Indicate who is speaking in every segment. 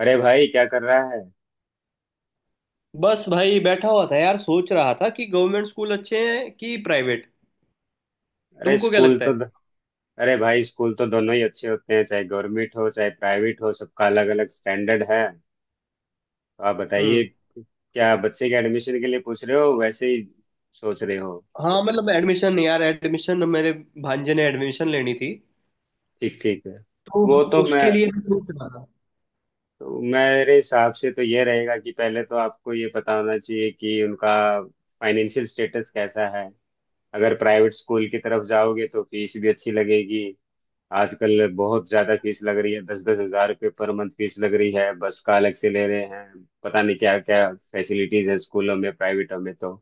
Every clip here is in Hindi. Speaker 1: अरे भाई क्या कर रहा है।
Speaker 2: बस भाई बैठा हुआ था यार। सोच रहा था कि गवर्नमेंट स्कूल अच्छे हैं कि प्राइवेट।
Speaker 1: अरे
Speaker 2: तुमको क्या
Speaker 1: स्कूल
Speaker 2: लगता
Speaker 1: तो।
Speaker 2: है?
Speaker 1: अरे भाई स्कूल तो दोनों ही अच्छे होते हैं, चाहे गवर्नमेंट हो चाहे प्राइवेट हो, सबका अलग अलग स्टैंडर्ड है। तो आप बताइए,
Speaker 2: हम्म।
Speaker 1: क्या बच्चे के एडमिशन के लिए पूछ रहे हो, वैसे ही सोच रहे हो?
Speaker 2: हाँ मतलब एडमिशन यार, एडमिशन मेरे भांजे ने एडमिशन लेनी थी।
Speaker 1: ठीक ठीक है। वो तो
Speaker 2: तो
Speaker 1: मैं,
Speaker 2: उसके लिए मैं सोच रहा था।
Speaker 1: तो मेरे हिसाब से तो ये रहेगा कि पहले तो आपको ये पता होना चाहिए कि उनका फाइनेंशियल स्टेटस कैसा है। अगर प्राइवेट स्कूल की तरफ जाओगे तो फीस भी अच्छी लगेगी। आजकल बहुत ज्यादा फीस लग रही है, 10-10 हज़ार रुपये पर मंथ फीस लग रही है, बस का अलग से ले रहे हैं, पता नहीं क्या क्या फैसिलिटीज है स्कूलों में प्राइवेटों में।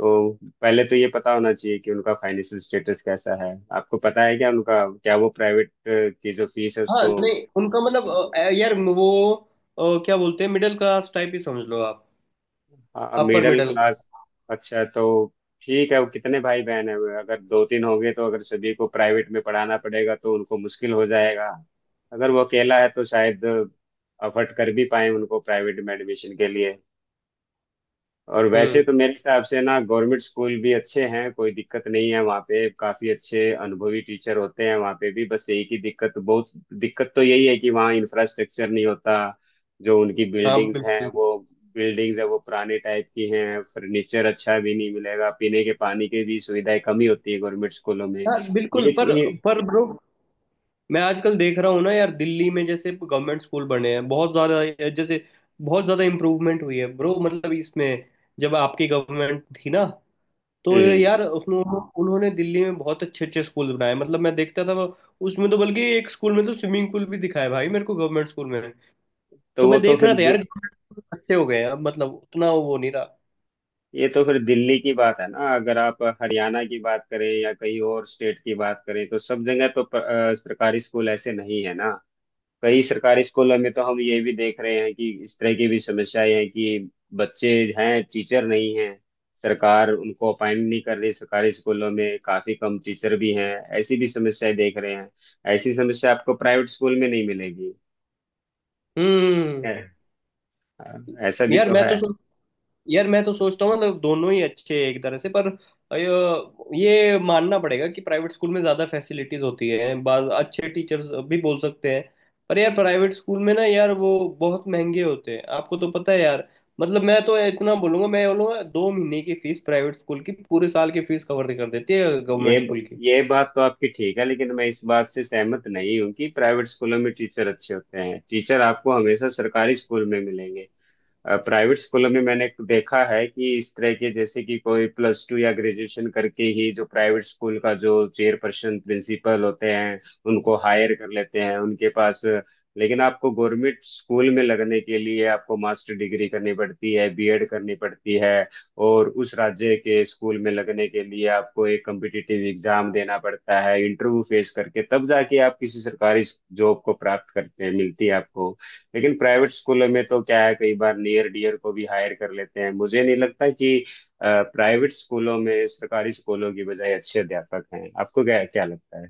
Speaker 1: तो पहले तो ये पता होना चाहिए कि उनका फाइनेंशियल स्टेटस कैसा है। आपको पता है क्या उनका, क्या वो प्राइवेट की जो फीस है
Speaker 2: हाँ
Speaker 1: उसको?
Speaker 2: नहीं उनका मतलब यार वो क्या बोलते हैं, मिडिल क्लास टाइप ही समझ लो आप।
Speaker 1: हाँ,
Speaker 2: अपर
Speaker 1: मिडिल
Speaker 2: मिडिल।
Speaker 1: क्लास। अच्छा तो ठीक है, वो कितने भाई बहन है? अगर 2-3 होंगे तो अगर सभी को प्राइवेट में पढ़ाना पड़ेगा तो उनको मुश्किल हो जाएगा। अगर वो अकेला है तो शायद अफर्ट कर भी पाए उनको प्राइवेट में एडमिशन के लिए। और वैसे
Speaker 2: हम्म।
Speaker 1: तो मेरे हिसाब से ना गवर्नमेंट स्कूल भी अच्छे हैं, कोई दिक्कत नहीं है, वहाँ पे काफी अच्छे अनुभवी टीचर होते हैं वहाँ पे भी। बस एक ही दिक्कत, बहुत दिक्कत तो यही है कि वहाँ इंफ्रास्ट्रक्चर नहीं होता। जो उनकी
Speaker 2: हाँ
Speaker 1: बिल्डिंग्स हैं
Speaker 2: बिल्कुल।
Speaker 1: वो बिल्डिंग्स है वो पुराने टाइप की हैं, फर्नीचर अच्छा भी नहीं मिलेगा, पीने के पानी की भी सुविधाएं कमी होती है गवर्नमेंट स्कूलों में।
Speaker 2: हाँ बिल्कुल
Speaker 1: ये
Speaker 2: पर
Speaker 1: चीज-
Speaker 2: पर ब्रो मैं आजकल देख रहा हूँ ना यार, दिल्ली में जैसे गवर्नमेंट स्कूल बने हैं बहुत ज़्यादा, जैसे बहुत ज़्यादा इम्प्रूवमेंट हुई है ब्रो मतलब इसमें। जब आपकी गवर्नमेंट थी ना, तो
Speaker 1: हम्म।
Speaker 2: यार उसमें उन्होंने दिल्ली में बहुत अच्छे अच्छे स्कूल बनाए। मतलब मैं देखता था उसमें तो बल्कि एक स्कूल में तो स्विमिंग पूल भी दिखाया भाई मेरे को, गवर्नमेंट स्कूल में।
Speaker 1: तो
Speaker 2: तो
Speaker 1: वो
Speaker 2: मैं
Speaker 1: तो
Speaker 2: देख रहा
Speaker 1: फिर
Speaker 2: था यार
Speaker 1: दे-
Speaker 2: गवर्नमेंट स्कूल अच्छे हो गए हैं अब, मतलब उतना वो नहीं रहा।
Speaker 1: ये तो फिर दिल्ली की बात है ना, अगर आप हरियाणा की बात करें या कहीं और स्टेट की बात करें तो सब जगह तो सरकारी स्कूल ऐसे नहीं है ना। कई सरकारी स्कूलों में तो हम ये भी देख रहे हैं कि इस तरह की भी समस्याएं हैं कि बच्चे हैं, टीचर नहीं हैं। सरकार उनको अपॉइंट नहीं कर रही, सरकारी स्कूलों में काफी कम टीचर भी हैं। ऐसी भी समस्याएं देख रहे हैं। ऐसी समस्या आपको प्राइवेट स्कूल में नहीं मिलेगी
Speaker 2: हम्म।
Speaker 1: है, ऐसा भी
Speaker 2: यार
Speaker 1: तो
Speaker 2: मैं
Speaker 1: है।
Speaker 2: तो सोच यार मैं तो सोचता हूँ मतलब दोनों ही अच्छे हैं एक तरह से। पर अ, ये मानना पड़ेगा कि प्राइवेट स्कूल में ज़्यादा फैसिलिटीज़ होती है, बाज अच्छे टीचर्स भी बोल सकते हैं। पर यार प्राइवेट स्कूल में ना यार वो बहुत महंगे होते हैं, आपको तो पता है यार। मतलब मैं तो इतना बोलूंगा, मैं बोलूंगा दो महीने की फीस प्राइवेट स्कूल की पूरे साल की फीस कवर कर देती है
Speaker 1: ये
Speaker 2: गवर्नमेंट स्कूल की।
Speaker 1: ये बात तो आपकी ठीक है, लेकिन मैं इस बात से सहमत नहीं हूँ कि प्राइवेट स्कूलों में टीचर अच्छे होते हैं। टीचर आपको हमेशा सरकारी स्कूल में मिलेंगे। प्राइवेट स्कूलों में मैंने देखा है कि इस तरह के जैसे कि कोई प्लस टू या ग्रेजुएशन करके ही जो प्राइवेट स्कूल का जो चेयरपर्सन प्रिंसिपल होते हैं, उनको हायर कर लेते हैं उनके पास। लेकिन आपको गवर्नमेंट स्कूल में लगने के लिए आपको मास्टर डिग्री करनी पड़ती है, बीएड करनी पड़ती है। और उस राज्य के स्कूल में लगने के लिए आपको एक कम्पिटिटिव एग्जाम देना पड़ता है, इंटरव्यू फेस करके तब जाके आप किसी सरकारी जॉब को प्राप्त करते हैं, मिलती है आपको। लेकिन प्राइवेट स्कूलों में तो क्या है, कई बार नियर डियर को भी हायर कर लेते हैं। मुझे नहीं लगता कि प्राइवेट स्कूलों में सरकारी स्कूलों की बजाय अच्छे अध्यापक हैं। आपको क्या क्या लगता है?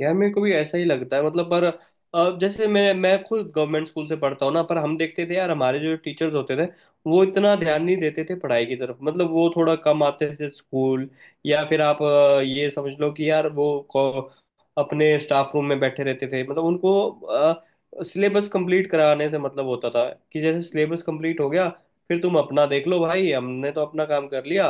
Speaker 2: यार मेरे को भी ऐसा ही लगता है मतलब। पर जैसे मैं खुद गवर्नमेंट स्कूल से पढ़ता हूँ ना, पर हम देखते थे यार हमारे जो टीचर्स होते थे वो इतना ध्यान नहीं देते थे पढ़ाई की तरफ। मतलब वो थोड़ा कम आते थे स्कूल, या फिर आप ये समझ लो कि यार अपने स्टाफ रूम में बैठे रहते थे। मतलब उनको सिलेबस कंप्लीट कराने से मतलब होता था, कि जैसे सिलेबस कंप्लीट हो गया फिर तुम अपना देख लो भाई, हमने तो अपना काम कर लिया।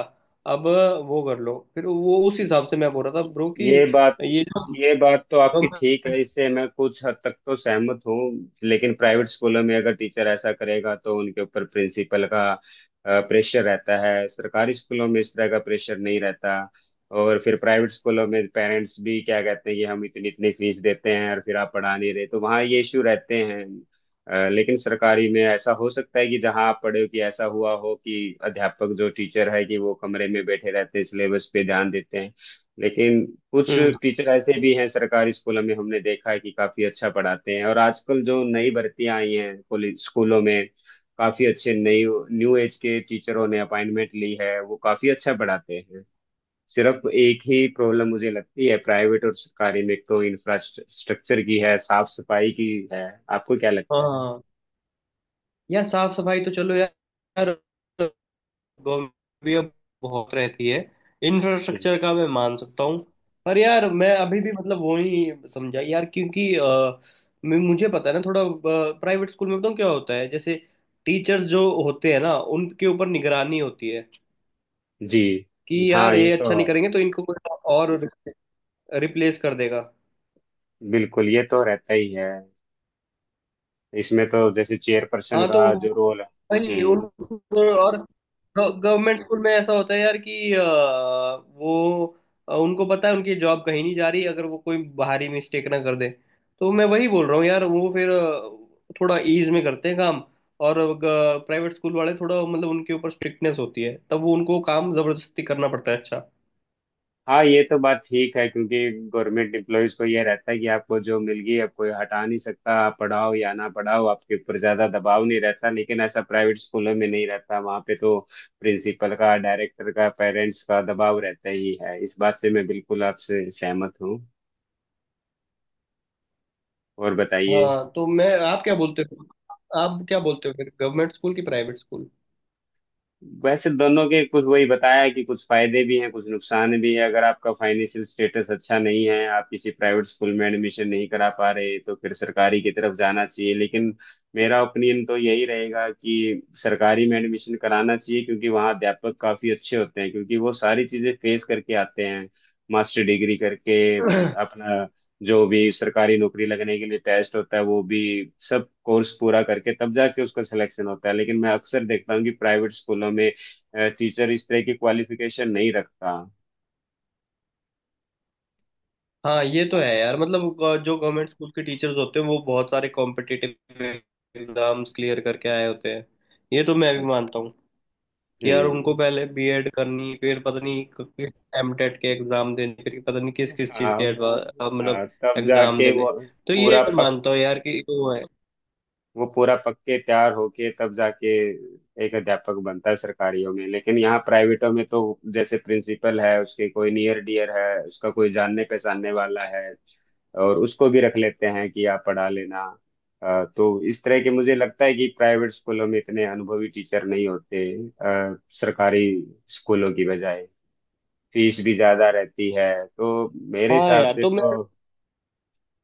Speaker 2: अब वो कर लो। फिर वो उस हिसाब से मैं बोल रहा था ब्रो कि
Speaker 1: ये बात
Speaker 2: ये जो
Speaker 1: ये बात तो आपकी
Speaker 2: गव-
Speaker 1: ठीक है, इससे मैं कुछ हद तक तो सहमत हूँ। लेकिन प्राइवेट स्कूलों में अगर टीचर ऐसा करेगा तो उनके ऊपर प्रिंसिपल का प्रेशर रहता है, सरकारी स्कूलों में इस तरह का प्रेशर नहीं रहता। और फिर प्राइवेट स्कूलों में पेरेंट्स भी क्या कहते हैं कि हम इतनी इतनी फीस देते हैं और फिर आप पढ़ा नहीं रहे, तो वहाँ ये इश्यू रहते हैं। लेकिन सरकारी में ऐसा हो सकता है कि जहाँ आप पढ़े हो कि ऐसा हुआ हो कि अध्यापक जो टीचर है कि वो कमरे में बैठे रहते हैं, सिलेबस पे ध्यान देते हैं। लेकिन कुछ
Speaker 2: हम्म।
Speaker 1: टीचर ऐसे भी हैं सरकारी स्कूलों में, हमने देखा है कि काफी अच्छा पढ़ाते हैं। और आजकल जो नई भर्तियां आई हैं स्कूलों में, काफी अच्छे नई न्यू एज के टीचरों ने अपॉइंटमेंट ली है, वो काफी अच्छा पढ़ाते हैं। सिर्फ एक ही प्रॉब्लम मुझे लगती है प्राइवेट और सरकारी में, एक तो इंफ्रास्ट्रक्चर की है, साफ सफाई की है। आपको क्या लगता है?
Speaker 2: हाँ यार साफ सफाई तो चलो यार, गवर्नमेंट भी अब बहुत रहती है।
Speaker 1: हम्म।
Speaker 2: इंफ्रास्ट्रक्चर का मैं मान सकता हूँ। पर यार मैं अभी भी मतलब वो नहीं समझा यार, क्योंकि मुझे पता है ना थोड़ा। प्राइवेट स्कूल में बताऊँ क्या होता है? जैसे टीचर्स जो होते हैं ना, उनके ऊपर निगरानी होती है
Speaker 1: जी।
Speaker 2: कि
Speaker 1: हाँ,
Speaker 2: यार
Speaker 1: ये
Speaker 2: ये
Speaker 1: तो
Speaker 2: अच्छा नहीं करेंगे तो इनको कोई और रिप्लेस कर देगा।
Speaker 1: बिल्कुल, ये तो रहता ही है। इसमें तो जैसे चेयर पर्सन
Speaker 2: हाँ तो
Speaker 1: का जो रोल है।
Speaker 2: वही
Speaker 1: हम्म,
Speaker 2: उनको। और गवर्नमेंट स्कूल में ऐसा होता है यार कि वो उनको पता है उनकी जॉब कहीं नहीं जा रही, अगर वो कोई बाहरी मिस्टेक ना कर दे। तो मैं वही बोल रहा हूँ यार, वो फिर थोड़ा ईज में करते हैं काम। और प्राइवेट स्कूल वाले थोड़ा मतलब उनके ऊपर स्ट्रिक्टनेस होती है, तब वो उनको काम जबरदस्ती करना पड़ता है अच्छा।
Speaker 1: हाँ, ये तो बात ठीक है क्योंकि गवर्नमेंट एम्प्लॉयज को ये रहता है कि आपको जो मिल गई, अब कोई हटा नहीं सकता, आप पढ़ाओ या ना पढ़ाओ आपके ऊपर ज्यादा दबाव नहीं रहता। लेकिन ऐसा प्राइवेट स्कूलों में नहीं रहता, वहाँ पे तो प्रिंसिपल का, डायरेक्टर का, पेरेंट्स का दबाव रहता ही है। इस बात से मैं बिल्कुल आपसे सहमत हूँ। और बताइए।
Speaker 2: हाँ तो मैं, आप क्या
Speaker 1: हाँ।
Speaker 2: बोलते हो? आप क्या बोलते हो फिर, गवर्नमेंट स्कूल की प्राइवेट स्कूल?
Speaker 1: वैसे दोनों के कुछ, वही बताया कि कुछ फायदे भी हैं कुछ नुकसान भी है। अगर आपका फाइनेंशियल स्टेटस अच्छा नहीं है, आप किसी प्राइवेट स्कूल में एडमिशन नहीं करा पा रहे तो फिर सरकारी की तरफ जाना चाहिए। लेकिन मेरा ओपिनियन तो यही रहेगा कि सरकारी में एडमिशन कराना चाहिए, क्योंकि वहाँ अध्यापक काफी अच्छे होते हैं क्योंकि वो सारी चीजें फेस करके आते हैं। मास्टर डिग्री करके अपना जो भी सरकारी नौकरी लगने के लिए टेस्ट होता है, वो भी सब कोर्स पूरा करके तब जाके उसका सिलेक्शन होता है। लेकिन मैं अक्सर देखता हूँ कि प्राइवेट स्कूलों में टीचर इस तरह की क्वालिफिकेशन नहीं रखता।
Speaker 2: हाँ ये तो है यार। मतलब जो गवर्नमेंट स्कूल के टीचर्स होते हैं वो बहुत सारे कॉम्पिटिटिव एग्जाम्स क्लियर करके आए होते हैं। ये तो मैं भी मानता हूँ कि यार उनको
Speaker 1: हम्म।
Speaker 2: पहले बीएड करनी, फिर पता नहीं किस एमटेट के एग्जाम देने, फिर पता नहीं किस किस चीज़
Speaker 1: हाँ।
Speaker 2: के
Speaker 1: हाँ।
Speaker 2: मतलब
Speaker 1: हाँ, तब
Speaker 2: एग्जाम
Speaker 1: जाके
Speaker 2: देने। तो
Speaker 1: पूरा
Speaker 2: ये मानता हूँ यार कि वो है।
Speaker 1: वो पूरा पक्के तैयार होके तब जाके एक अध्यापक बनता है सरकारियों में। लेकिन यहाँ प्राइवेटों में तो जैसे प्रिंसिपल है, उसके कोई नियर डियर है, उसका कोई जानने पहचानने वाला है और उसको भी रख लेते हैं कि आप पढ़ा लेना। तो इस तरह के मुझे लगता है कि प्राइवेट स्कूलों में इतने अनुभवी टीचर नहीं होते सरकारी स्कूलों की बजाय। फीस भी ज्यादा रहती है। तो मेरे
Speaker 2: हाँ
Speaker 1: हिसाब
Speaker 2: यार
Speaker 1: से
Speaker 2: तो मैं
Speaker 1: तो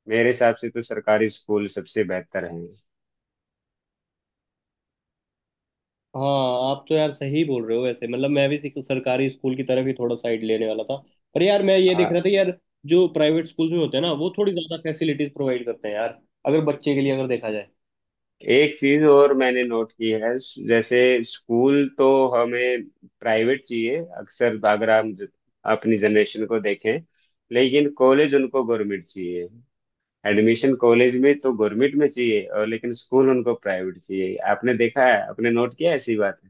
Speaker 1: मेरे हिसाब से तो सरकारी स्कूल सबसे बेहतर हैं।
Speaker 2: हाँ आप तो यार सही बोल रहे हो वैसे। मतलब मैं भी सरकारी स्कूल की तरफ ही थोड़ा साइड लेने वाला था। पर यार मैं ये देख रहा था यार, जो प्राइवेट स्कूल्स में होते हैं ना वो थोड़ी ज़्यादा फैसिलिटीज प्रोवाइड करते हैं यार, अगर बच्चे के लिए अगर देखा जाए।
Speaker 1: एक चीज और मैंने नोट की है, जैसे स्कूल तो हमें प्राइवेट चाहिए अक्सर, अगर हम अपनी जनरेशन को देखें। लेकिन कॉलेज उनको गवर्नमेंट चाहिए। एडमिशन कॉलेज में तो गवर्नमेंट में चाहिए, और लेकिन स्कूल उनको प्राइवेट चाहिए। आपने देखा है, आपने नोट किया है ऐसी बात?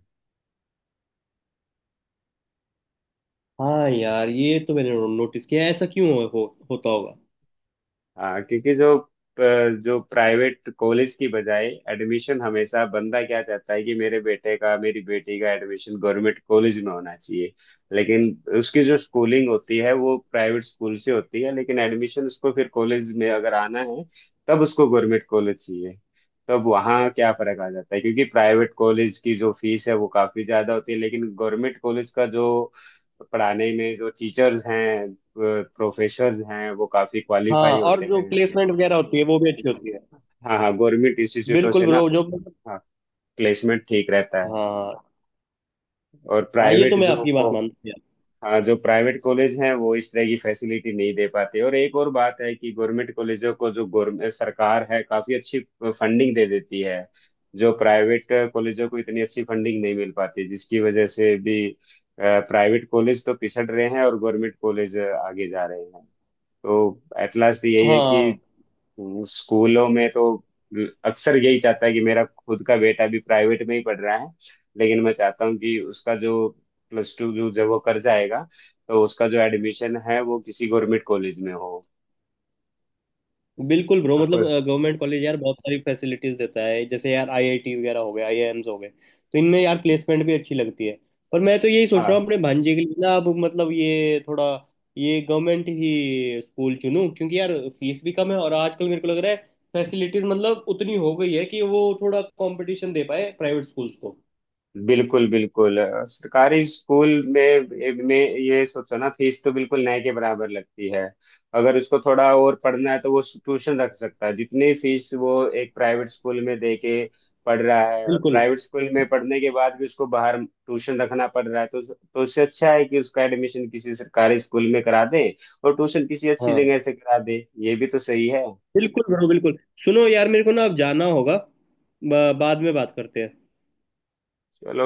Speaker 2: हाँ यार ये तो मैंने नोटिस किया है, ऐसा क्यों होता होगा?
Speaker 1: हाँ, क्योंकि जो जो प्राइवेट कॉलेज की बजाय एडमिशन, हमेशा बंदा क्या चाहता है कि मेरे बेटे का, मेरी बेटी का एडमिशन गवर्नमेंट कॉलेज में होना चाहिए। लेकिन उसकी जो स्कूलिंग होती है वो प्राइवेट स्कूल से होती है। लेकिन एडमिशन उसको फिर कॉलेज में अगर आना है तब उसको गवर्नमेंट कॉलेज चाहिए। तब वहाँ क्या फर्क आ जाता है, क्योंकि प्राइवेट कॉलेज की जो फीस है वो काफी ज्यादा होती है। लेकिन गवर्नमेंट कॉलेज का जो पढ़ाने में जो टीचर्स हैं, प्रोफेसर्स हैं, वो काफी
Speaker 2: हाँ
Speaker 1: क्वालिफाई
Speaker 2: और
Speaker 1: होते
Speaker 2: जो
Speaker 1: हैं।
Speaker 2: प्लेसमेंट वगैरह होती है वो भी अच्छी होती है।
Speaker 1: हाँ हाँ, गवर्नमेंट इंस्टीट्यूटों
Speaker 2: बिल्कुल
Speaker 1: से ना।
Speaker 2: ब्रो जो।
Speaker 1: हाँ, प्लेसमेंट ठीक रहता है।
Speaker 2: हाँ
Speaker 1: और
Speaker 2: हाँ ये तो
Speaker 1: प्राइवेट
Speaker 2: मैं
Speaker 1: जो
Speaker 2: आपकी बात
Speaker 1: को,
Speaker 2: मानता हूँ यार।
Speaker 1: हाँ जो प्राइवेट कॉलेज हैं वो इस तरह की फैसिलिटी नहीं दे पाते। और एक और बात है कि गवर्नमेंट कॉलेजों को जो गवर्नमेंट सरकार है, काफी अच्छी फंडिंग दे देती है। जो प्राइवेट कॉलेजों को इतनी अच्छी फंडिंग नहीं मिल पाती, जिसकी वजह से भी प्राइवेट कॉलेज तो पिछड़ रहे हैं और गवर्नमेंट कॉलेज आगे जा रहे हैं। तो एट लास्ट यही है
Speaker 2: हाँ
Speaker 1: कि स्कूलों में तो अक्सर यही चाहता है कि मेरा खुद का बेटा भी प्राइवेट में ही पढ़ रहा है, लेकिन मैं चाहता हूँ कि उसका जो प्लस टू जो जब वो कर जाएगा, तो उसका जो एडमिशन है वो किसी गवर्नमेंट कॉलेज में हो।
Speaker 2: बिल्कुल ब्रो मतलब
Speaker 1: आपको,
Speaker 2: गवर्नमेंट कॉलेज यार बहुत सारी फैसिलिटीज देता है, जैसे यार आईआईटी वगैरह हो गए, आईआईएम्स हो गए। तो इनमें यार प्लेसमेंट भी अच्छी लगती है। पर मैं तो यही सोच रहा
Speaker 1: हाँ
Speaker 2: हूँ अपने भांजे के लिए ना, अब मतलब ये थोड़ा ये गवर्नमेंट ही स्कूल चुनूँ क्योंकि यार फीस भी कम है। और आजकल मेरे को लग रहा है फैसिलिटीज मतलब उतनी हो गई है कि वो थोड़ा कंपटीशन दे पाए प्राइवेट स्कूल्स को।
Speaker 1: बिल्कुल बिल्कुल। सरकारी स्कूल में में, ये सोचो ना, फीस तो बिल्कुल नए के बराबर लगती है। अगर उसको थोड़ा और पढ़ना है तो वो ट्यूशन रख सकता है, जितनी फीस वो एक प्राइवेट स्कूल में दे के पढ़ रहा है और
Speaker 2: बिल्कुल।
Speaker 1: प्राइवेट स्कूल में पढ़ने के बाद भी उसको बाहर ट्यूशन रखना पड़ रहा है, तो उससे अच्छा है कि उसका एडमिशन किसी सरकारी स्कूल में करा दे और ट्यूशन किसी अच्छी
Speaker 2: हाँ
Speaker 1: जगह से करा दे। ये भी तो सही है।
Speaker 2: बिल्कुल ब्रो, बिल्कुल। सुनो यार मेरे को ना अब जाना होगा। बाद में बात करते हैं।
Speaker 1: चलो।